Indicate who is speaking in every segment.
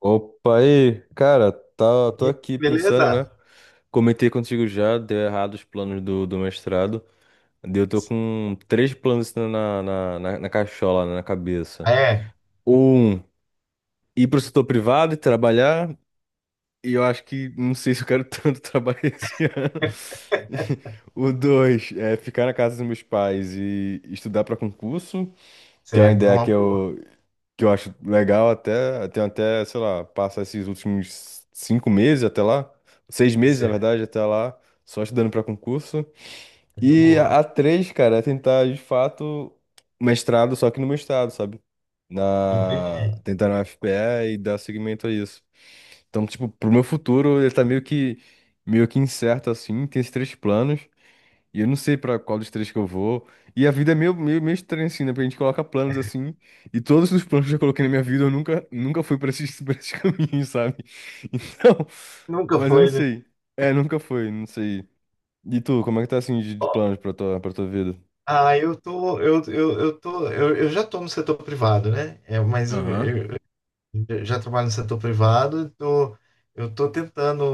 Speaker 1: Opa, aí, cara, tá,
Speaker 2: E
Speaker 1: tô
Speaker 2: aí,
Speaker 1: aqui pensando,
Speaker 2: beleza?
Speaker 1: né? Comentei contigo já, deu errado os planos do mestrado. Daí eu tô com três planos assim na cachola, né, na cabeça.
Speaker 2: É,
Speaker 1: Um, ir pro setor privado e trabalhar, e eu acho que não sei se eu quero tanto trabalhar esse ano. O dois, é ficar na casa dos meus pais e estudar pra concurso, que é uma
Speaker 2: Certo, é
Speaker 1: ideia que
Speaker 2: uma boa.
Speaker 1: eu, que eu acho legal até, tem até, sei lá, passar esses últimos 5 meses até lá, 6 meses, na
Speaker 2: Certo,
Speaker 1: verdade, até lá, só estudando para concurso.
Speaker 2: é uma
Speaker 1: E a
Speaker 2: boa.
Speaker 1: a três, cara, é tentar, de fato, mestrado, só que no meu estado, sabe?
Speaker 2: Entendi.
Speaker 1: Tentar na UFPE e dar seguimento a isso. Então, tipo, pro meu futuro, ele tá meio que incerto, assim, tem esses três planos. E eu não sei pra qual dos três que eu vou. E a vida é meio, meio, meio estranha, assim, né? Porque a gente coloca planos assim. E todos os planos que eu coloquei na minha vida, eu nunca, nunca fui pra esses, pra esses caminhos, sabe? Então.
Speaker 2: Nunca
Speaker 1: Mas eu não
Speaker 2: foi, né?
Speaker 1: sei. É, nunca foi, não sei. E tu, como é que tá assim de planos pra tua vida?
Speaker 2: Ah, eu tô, eu tô, eu já tô no setor privado, né? Mas eu,
Speaker 1: Aham.
Speaker 2: eu- eu já trabalho no setor privado, tô, eu tô tentando,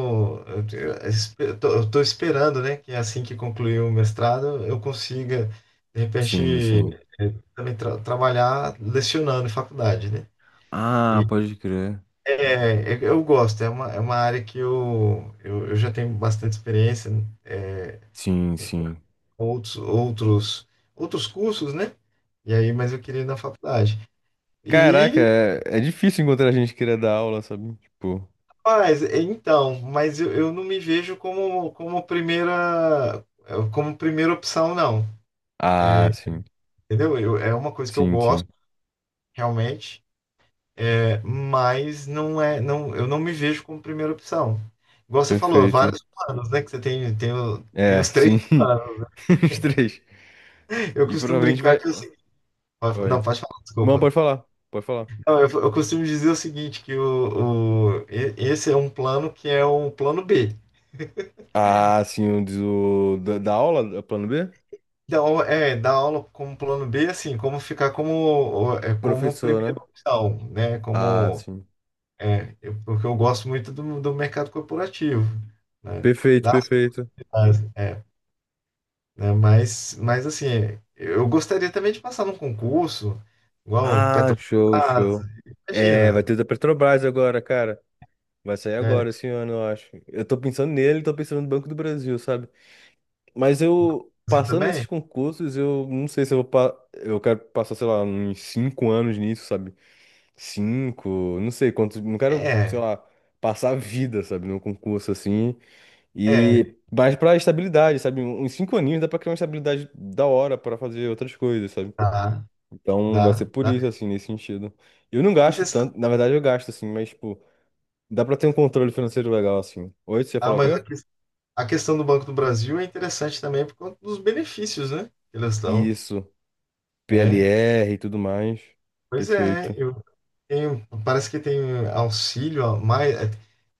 Speaker 2: eu, te- eu espe- eu tô esperando, né, que assim que concluir o mestrado, eu consiga, de repente,
Speaker 1: Sim, sim.
Speaker 2: eh, também trabalhar lecionando em faculdade, né?
Speaker 1: Ah, pode crer.
Speaker 2: Eu gosto, é uma área que eu já tenho bastante experiência, é,
Speaker 1: Sim, sim.
Speaker 2: outros, outros, outros cursos, né? E aí, mas eu queria ir na faculdade.
Speaker 1: Caraca,
Speaker 2: E,
Speaker 1: é difícil encontrar gente que queira dar aula, sabe? Tipo.
Speaker 2: mas, então, mas eu não me vejo como, como primeira opção, não.
Speaker 1: Ah, sim.
Speaker 2: Entendeu? Eu, é uma coisa que eu
Speaker 1: Sim,
Speaker 2: gosto,
Speaker 1: sim.
Speaker 2: realmente, é, mas não é, não, eu não me vejo como primeira opção. Igual você falou,
Speaker 1: Perfeito.
Speaker 2: vários planos, né? Que você tem, tem, tem
Speaker 1: É,
Speaker 2: os três.
Speaker 1: sim. Os três.
Speaker 2: Eu
Speaker 1: E
Speaker 2: costumo
Speaker 1: provavelmente
Speaker 2: brincar
Speaker 1: vai.
Speaker 2: que é o seguinte. Não,
Speaker 1: Oi.
Speaker 2: pode falar,
Speaker 1: Não,
Speaker 2: desculpa.
Speaker 1: pode falar. Pode falar.
Speaker 2: Não, eu costumo dizer o seguinte, que esse é um plano que é o plano B.
Speaker 1: Ah, sim, o diz o da aula, da plano B?
Speaker 2: Então, é, dar aula como plano B, assim, como ficar como, é, como
Speaker 1: Professor,
Speaker 2: primeira
Speaker 1: né?
Speaker 2: opção, né?
Speaker 1: Ah,
Speaker 2: Como,
Speaker 1: sim.
Speaker 2: é, porque eu gosto muito do, do mercado corporativo, né?
Speaker 1: Perfeito,
Speaker 2: Das
Speaker 1: perfeito.
Speaker 2: áreas, é, né? Mas, assim, eu gostaria também de passar num concurso, igual
Speaker 1: Ah, show,
Speaker 2: Petrobras,
Speaker 1: show. É, vai
Speaker 2: imagina,
Speaker 1: ter da Petrobras agora, cara. Vai sair
Speaker 2: é,
Speaker 1: agora esse ano, eu acho. Eu tô pensando nele, tô pensando no Banco do Brasil, sabe? Mas
Speaker 2: no
Speaker 1: eu,
Speaker 2: Brasil
Speaker 1: passando nesses
Speaker 2: também.
Speaker 1: concursos, eu não sei se eu vou. Eu quero passar, sei lá, uns 5 anos nisso, sabe? Cinco, não sei quantos. Não quero, sei
Speaker 2: É,
Speaker 1: lá, passar a vida, sabe, num concurso assim. E
Speaker 2: é,
Speaker 1: mais pra estabilidade, sabe? Uns 5 aninhos dá pra criar uma estabilidade da hora pra fazer outras coisas, sabe?
Speaker 2: dá,
Speaker 1: Então vai ser
Speaker 2: dá,
Speaker 1: por
Speaker 2: dá.
Speaker 1: isso, assim, nesse sentido. Eu não
Speaker 2: E
Speaker 1: gasto
Speaker 2: você sabe,
Speaker 1: tanto, na verdade eu gasto, assim, mas, tipo, dá pra ter um controle financeiro legal, assim. Oi, você
Speaker 2: ah,
Speaker 1: falou o quê?
Speaker 2: a questão do Banco do Brasil é interessante também por conta dos benefícios, né? Que eles dão.
Speaker 1: Isso,
Speaker 2: É,
Speaker 1: PLR e tudo mais.
Speaker 2: pois é,
Speaker 1: Perfeito.
Speaker 2: eu tenho, parece que tem auxílio a mais, é,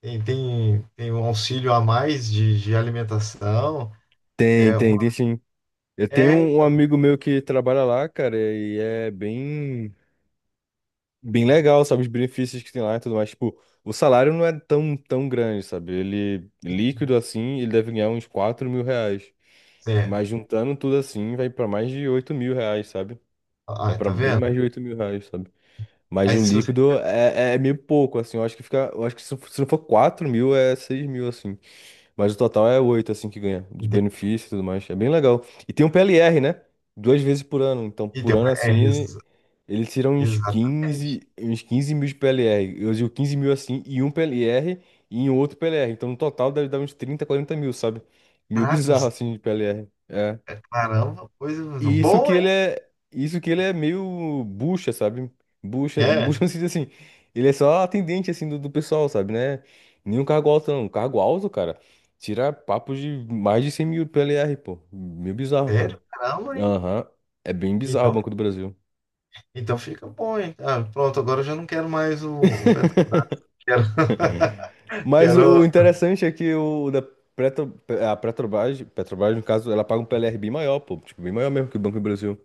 Speaker 2: tem um auxílio a mais de alimentação.
Speaker 1: Tem,
Speaker 2: É, uma,
Speaker 1: tem, tem sim. Eu tenho
Speaker 2: é,
Speaker 1: um
Speaker 2: então,
Speaker 1: amigo meu que trabalha lá, cara, e é bem legal, sabe? Os benefícios que tem lá e tudo mais. Tipo, o salário não é tão, tão grande, sabe? Ele, é líquido assim, ele deve ganhar uns 4 mil reais.
Speaker 2: é,
Speaker 1: Mas juntando tudo assim, vai pra mais de 8 mil reais, sabe? É
Speaker 2: ah,
Speaker 1: pra
Speaker 2: tá
Speaker 1: bem mais
Speaker 2: vendo?
Speaker 1: de 8 mil reais, sabe? Mas
Speaker 2: Aí
Speaker 1: o
Speaker 2: se você
Speaker 1: líquido é meio pouco, assim. Eu acho que fica. Eu acho que se não for 4 mil, é 6 mil, assim. Mas o total é 8 assim, que ganha, de
Speaker 2: entende,
Speaker 1: benefício e tudo mais. É bem legal. E tem um PLR, né? 2 vezes por ano. Então, por
Speaker 2: então,
Speaker 1: ano,
Speaker 2: é,
Speaker 1: assim, ele, ele tira uns quinze
Speaker 2: exatamente.
Speaker 1: uns quinze mil de PLR. Eu digo 15 mil, assim, e um PLR e em outro PLR. Então, no total, deve dar uns 30 40 mil, sabe? Meio
Speaker 2: Caraca,
Speaker 1: bizarro,
Speaker 2: os-
Speaker 1: assim, de PLR.
Speaker 2: é, caramba, coisa
Speaker 1: E isso que
Speaker 2: boa, hein?
Speaker 1: ele é, isso que ele é meio bucha, sabe? Bucha,
Speaker 2: É,
Speaker 1: bucha no sentido assim, ele é só atendente assim do pessoal, sabe, né? Nenhum cargo alto não. Um cargo alto, cara, tira papo de mais de 100 mil PLR, pô, meio bizarro, cara.
Speaker 2: sério, caramba, hein?
Speaker 1: Aham. É bem bizarro o
Speaker 2: Então,
Speaker 1: Banco do Brasil.
Speaker 2: então fica bom, hein? Ah, pronto, agora eu já não quero mais o Petrobras. Quero,
Speaker 1: Mas
Speaker 2: quero,
Speaker 1: o interessante é que Petro, a Petrobras, no caso, ela paga um PLR bem maior, pô, tipo, bem maior mesmo que o Banco do Brasil.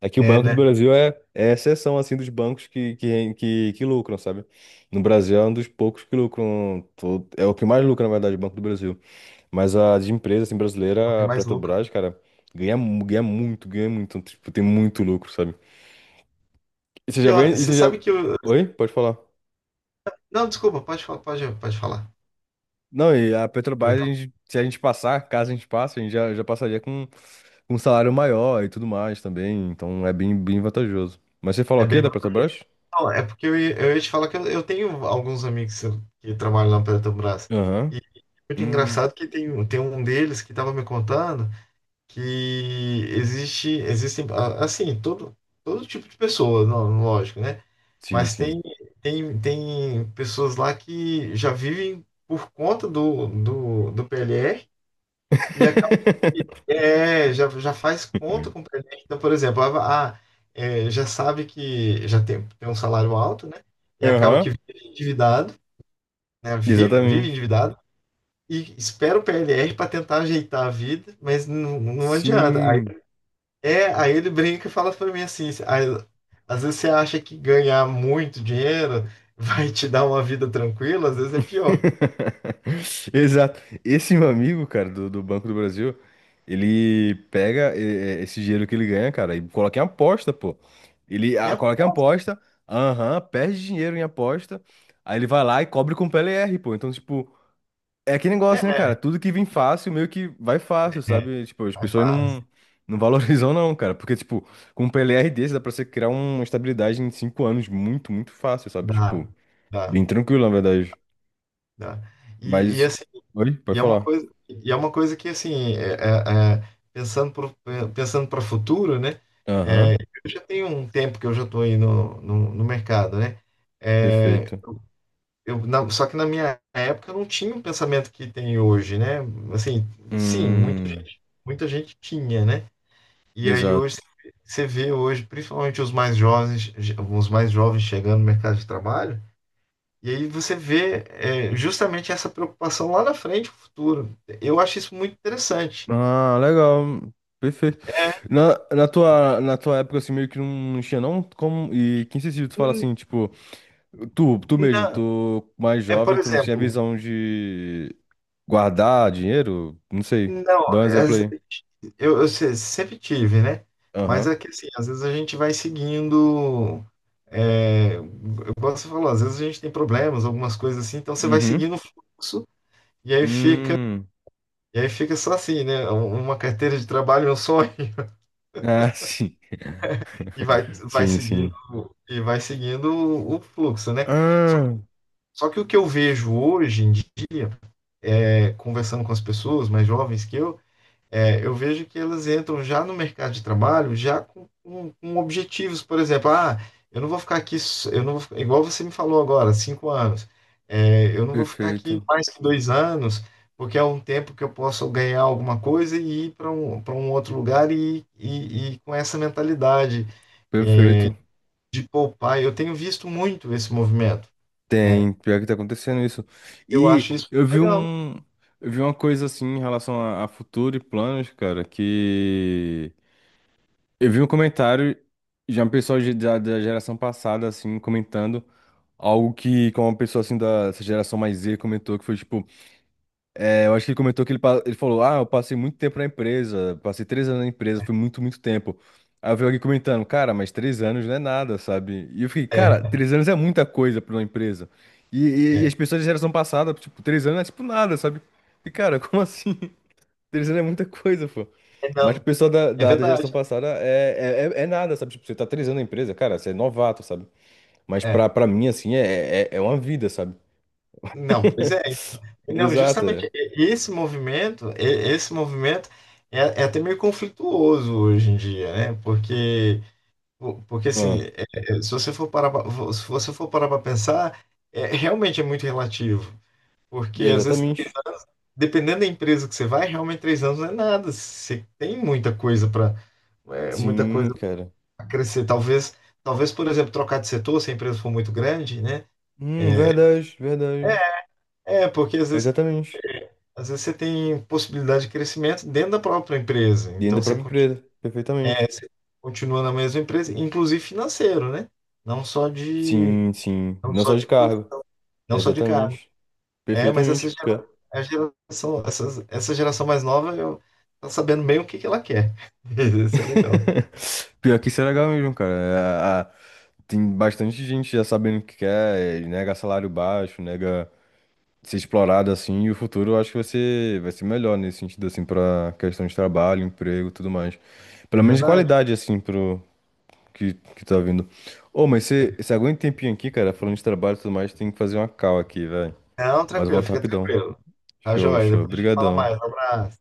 Speaker 1: Aqui o
Speaker 2: é,
Speaker 1: Banco do
Speaker 2: né?
Speaker 1: Brasil é exceção, assim, dos bancos que lucram, sabe? No Brasil é um dos poucos que lucram, é o que mais lucra, na verdade, o Banco do Brasil. Mas a de empresa, assim,
Speaker 2: O que
Speaker 1: brasileira, a
Speaker 2: mais lucro.
Speaker 1: Petrobras, cara, ganha muito, ganha muito. Então, tipo, tem muito lucro, sabe? E você já
Speaker 2: E ó,
Speaker 1: vem, e
Speaker 2: você
Speaker 1: você já.
Speaker 2: sabe que eu.
Speaker 1: Oi? Pode falar.
Speaker 2: Não, desculpa, pode falar.
Speaker 1: Não, e a
Speaker 2: Que eu
Speaker 1: Petrobras,
Speaker 2: tava-
Speaker 1: se a gente passar, caso a gente passe, a gente já passaria com um salário maior e tudo mais também, então é bem, bem vantajoso. Mas você falou
Speaker 2: É
Speaker 1: o quê
Speaker 2: bem.
Speaker 1: da Petrobras?
Speaker 2: Não, é porque eu ia te falar que eu tenho alguns amigos que trabalham lá na Petrobras.
Speaker 1: Aham.
Speaker 2: E é muito
Speaker 1: Hum,
Speaker 2: engraçado que tem, tem um deles que estava me contando que existe, existem, ah, assim, todo, todo tipo de pessoa, não, lógico, né?
Speaker 1: sim,
Speaker 2: Mas
Speaker 1: sim.
Speaker 2: tem, tem, tem pessoas lá que já vivem por conta do PLR e acaba, é, já, já faz conta com o PLR. Então, por exemplo, ah, ah, é, já sabe que já tem, tem um salário alto, né? E acaba que
Speaker 1: Aham,
Speaker 2: vive endividado, né? Vive, vive
Speaker 1: exatamente.
Speaker 2: endividado e espera o PLR para tentar ajeitar a vida, mas não, não adianta.
Speaker 1: Sim.
Speaker 2: É, aí ele brinca e fala pra mim assim, aí, às vezes você acha que ganhar muito dinheiro vai te dar uma vida tranquila, às vezes é pior.
Speaker 1: Exato. Esse meu amigo, cara, do Banco do Brasil, ele pega esse dinheiro que ele ganha, cara, e coloca em aposta, pô. Ele
Speaker 2: E
Speaker 1: coloca em
Speaker 2: aposta,
Speaker 1: aposta, aham, perde dinheiro em aposta, aí ele vai lá e cobre com o PLR, pô. Então, tipo, é aquele negócio, né, cara?
Speaker 2: é,
Speaker 1: Tudo que vem fácil, meio que vai fácil,
Speaker 2: é,
Speaker 1: sabe? Tipo, as
Speaker 2: é,
Speaker 1: pessoas
Speaker 2: faz,
Speaker 1: não valorizam, não, cara. Porque, tipo, com um PLR desse, dá pra você criar uma estabilidade em cinco anos muito, muito fácil, sabe?
Speaker 2: dá,
Speaker 1: Tipo, bem
Speaker 2: dá,
Speaker 1: tranquilo, na verdade.
Speaker 2: dá. E, e
Speaker 1: Mas.
Speaker 2: assim,
Speaker 1: Oi?
Speaker 2: e
Speaker 1: Pode
Speaker 2: é uma
Speaker 1: falar.
Speaker 2: coisa, e é uma coisa que assim, é, pensando pensando para o futuro, né?
Speaker 1: Aham,
Speaker 2: É, eu já tenho um tempo que eu já estou aí no mercado, né? É,
Speaker 1: perfeito.
Speaker 2: eu, só que na minha época eu não tinha o pensamento que tem hoje, né? Assim, sim, muita,
Speaker 1: Hum,
Speaker 2: muita gente tinha, né? E aí
Speaker 1: exato.
Speaker 2: hoje você vê hoje, principalmente os mais jovens chegando no mercado de trabalho, e aí você vê é, justamente essa preocupação lá na frente, no futuro. Eu acho isso muito interessante.
Speaker 1: Ah, legal. Perfeito.
Speaker 2: É,
Speaker 1: Na tua época, assim, meio que não tinha, não? Como, e quem se tu fala
Speaker 2: hum,
Speaker 1: assim, tipo. Tu mesmo,
Speaker 2: não,
Speaker 1: tu mais
Speaker 2: é
Speaker 1: jovem,
Speaker 2: por
Speaker 1: tu não tinha
Speaker 2: exemplo,
Speaker 1: visão de guardar dinheiro? Não sei.
Speaker 2: não,
Speaker 1: Dá um
Speaker 2: é,
Speaker 1: exemplo aí.
Speaker 2: eu, sempre tive, né? Mas
Speaker 1: Aham.
Speaker 2: é que assim, às vezes a gente vai seguindo. É, eu gosto de falar, às vezes a gente tem problemas, algumas coisas assim, então você vai
Speaker 1: Uhum.
Speaker 2: seguindo o fluxo e aí fica,
Speaker 1: Hum.
Speaker 2: e aí fica só assim, né? Uma carteira de trabalho, é um sonho,
Speaker 1: Ah, sim.
Speaker 2: e vai, vai
Speaker 1: Sim,
Speaker 2: seguindo,
Speaker 1: sim.
Speaker 2: e vai seguindo o fluxo, né? Só,
Speaker 1: Ah,
Speaker 2: só que o que eu vejo hoje em dia, é, conversando com as pessoas mais jovens que eu, é, eu vejo que elas entram já no mercado de trabalho, já com, com objetivos, por exemplo, ah, eu não vou ficar aqui, eu não vou, igual você me falou agora, 5 anos, é, eu não vou ficar aqui
Speaker 1: perfeito.
Speaker 2: mais que 2 anos, porque é um tempo que eu posso ganhar alguma coisa e ir para um outro lugar e com essa mentalidade
Speaker 1: Perfeito.
Speaker 2: de poupar. Eu tenho visto muito esse movimento, né?
Speaker 1: Tem, pior que tá acontecendo isso.
Speaker 2: Eu
Speaker 1: E
Speaker 2: acho isso
Speaker 1: eu vi
Speaker 2: legal.
Speaker 1: um, eu vi uma coisa assim em relação a futuro e planos, cara, que eu vi um comentário de uma pessoa da geração passada assim comentando algo que, como uma pessoa assim da essa geração mais Z comentou, que foi tipo, é, eu acho que ele comentou que ele falou: Ah, eu passei muito tempo na empresa, passei 3 anos na empresa, foi muito, muito tempo. Aí eu vi alguém comentando: Cara, mas 3 anos não é nada, sabe? E eu fiquei: Cara,
Speaker 2: É,
Speaker 1: 3 anos é muita coisa pra uma empresa. E as
Speaker 2: é,
Speaker 1: pessoas da geração passada, tipo, 3 anos é tipo nada, sabe? E cara, como assim? 3 anos é muita coisa, pô.
Speaker 2: é
Speaker 1: Mas o
Speaker 2: não,
Speaker 1: pessoal da,
Speaker 2: é
Speaker 1: da, da geração
Speaker 2: verdade.
Speaker 1: passada é nada, sabe? Tipo, você tá 3 anos na empresa, cara, você é novato, sabe? Mas pra,
Speaker 2: É,
Speaker 1: pra mim, assim, é uma vida, sabe?
Speaker 2: não, pois é. Não,
Speaker 1: Exato.
Speaker 2: justamente
Speaker 1: É.
Speaker 2: esse movimento, esse movimento é, é até meio conflituoso hoje em dia, né? Porque, porque
Speaker 1: Ah,
Speaker 2: assim, é, se você for parar, se você for parar para pensar, é, realmente é muito relativo, porque às vezes
Speaker 1: exatamente.
Speaker 2: dependendo da empresa que você vai, realmente 3 anos não é nada. Você tem muita coisa
Speaker 1: Sim, cara.
Speaker 2: para crescer. Talvez, talvez, por exemplo, trocar de setor se a empresa for muito grande, né?
Speaker 1: Verdade, verdade.
Speaker 2: É, porque às vezes
Speaker 1: Exatamente.
Speaker 2: às vezes você tem possibilidade de crescimento dentro da própria empresa.
Speaker 1: Dentro da
Speaker 2: Então você
Speaker 1: própria empresa.
Speaker 2: é,
Speaker 1: Perfeitamente.
Speaker 2: você continua na mesma empresa, inclusive financeiro, né? Não só de,
Speaker 1: Sim, sim.
Speaker 2: não
Speaker 1: Não
Speaker 2: só
Speaker 1: só de
Speaker 2: de, posi-
Speaker 1: cargo.
Speaker 2: não só de cargo.
Speaker 1: Exatamente.
Speaker 2: É, mas essa
Speaker 1: Perfeitamente. Pior.
Speaker 2: a geração, essa geração mais nova eu, tá sabendo bem o que que ela quer. Isso é legal.
Speaker 1: Pior que isso é legal mesmo, cara. É, tem bastante gente já sabendo o que quer, é, nega salário baixo, nega, ser explorado assim, e o futuro eu acho que vai ser melhor nesse sentido, assim, pra questão de trabalho, emprego e tudo mais. Pelo
Speaker 2: É
Speaker 1: menos de
Speaker 2: verdade.
Speaker 1: qualidade, assim, pro que tá vindo. Ô, mas você aguenta um tempinho aqui, cara, falando de trabalho e tudo mais, tem que fazer uma call aqui, velho.
Speaker 2: Não,
Speaker 1: Mas eu
Speaker 2: tranquilo,
Speaker 1: volto
Speaker 2: fica
Speaker 1: rapidão.
Speaker 2: tranquilo. Tá
Speaker 1: Show,
Speaker 2: joia.
Speaker 1: show.
Speaker 2: Depois a gente fala mais. Um
Speaker 1: Obrigadão.
Speaker 2: abraço.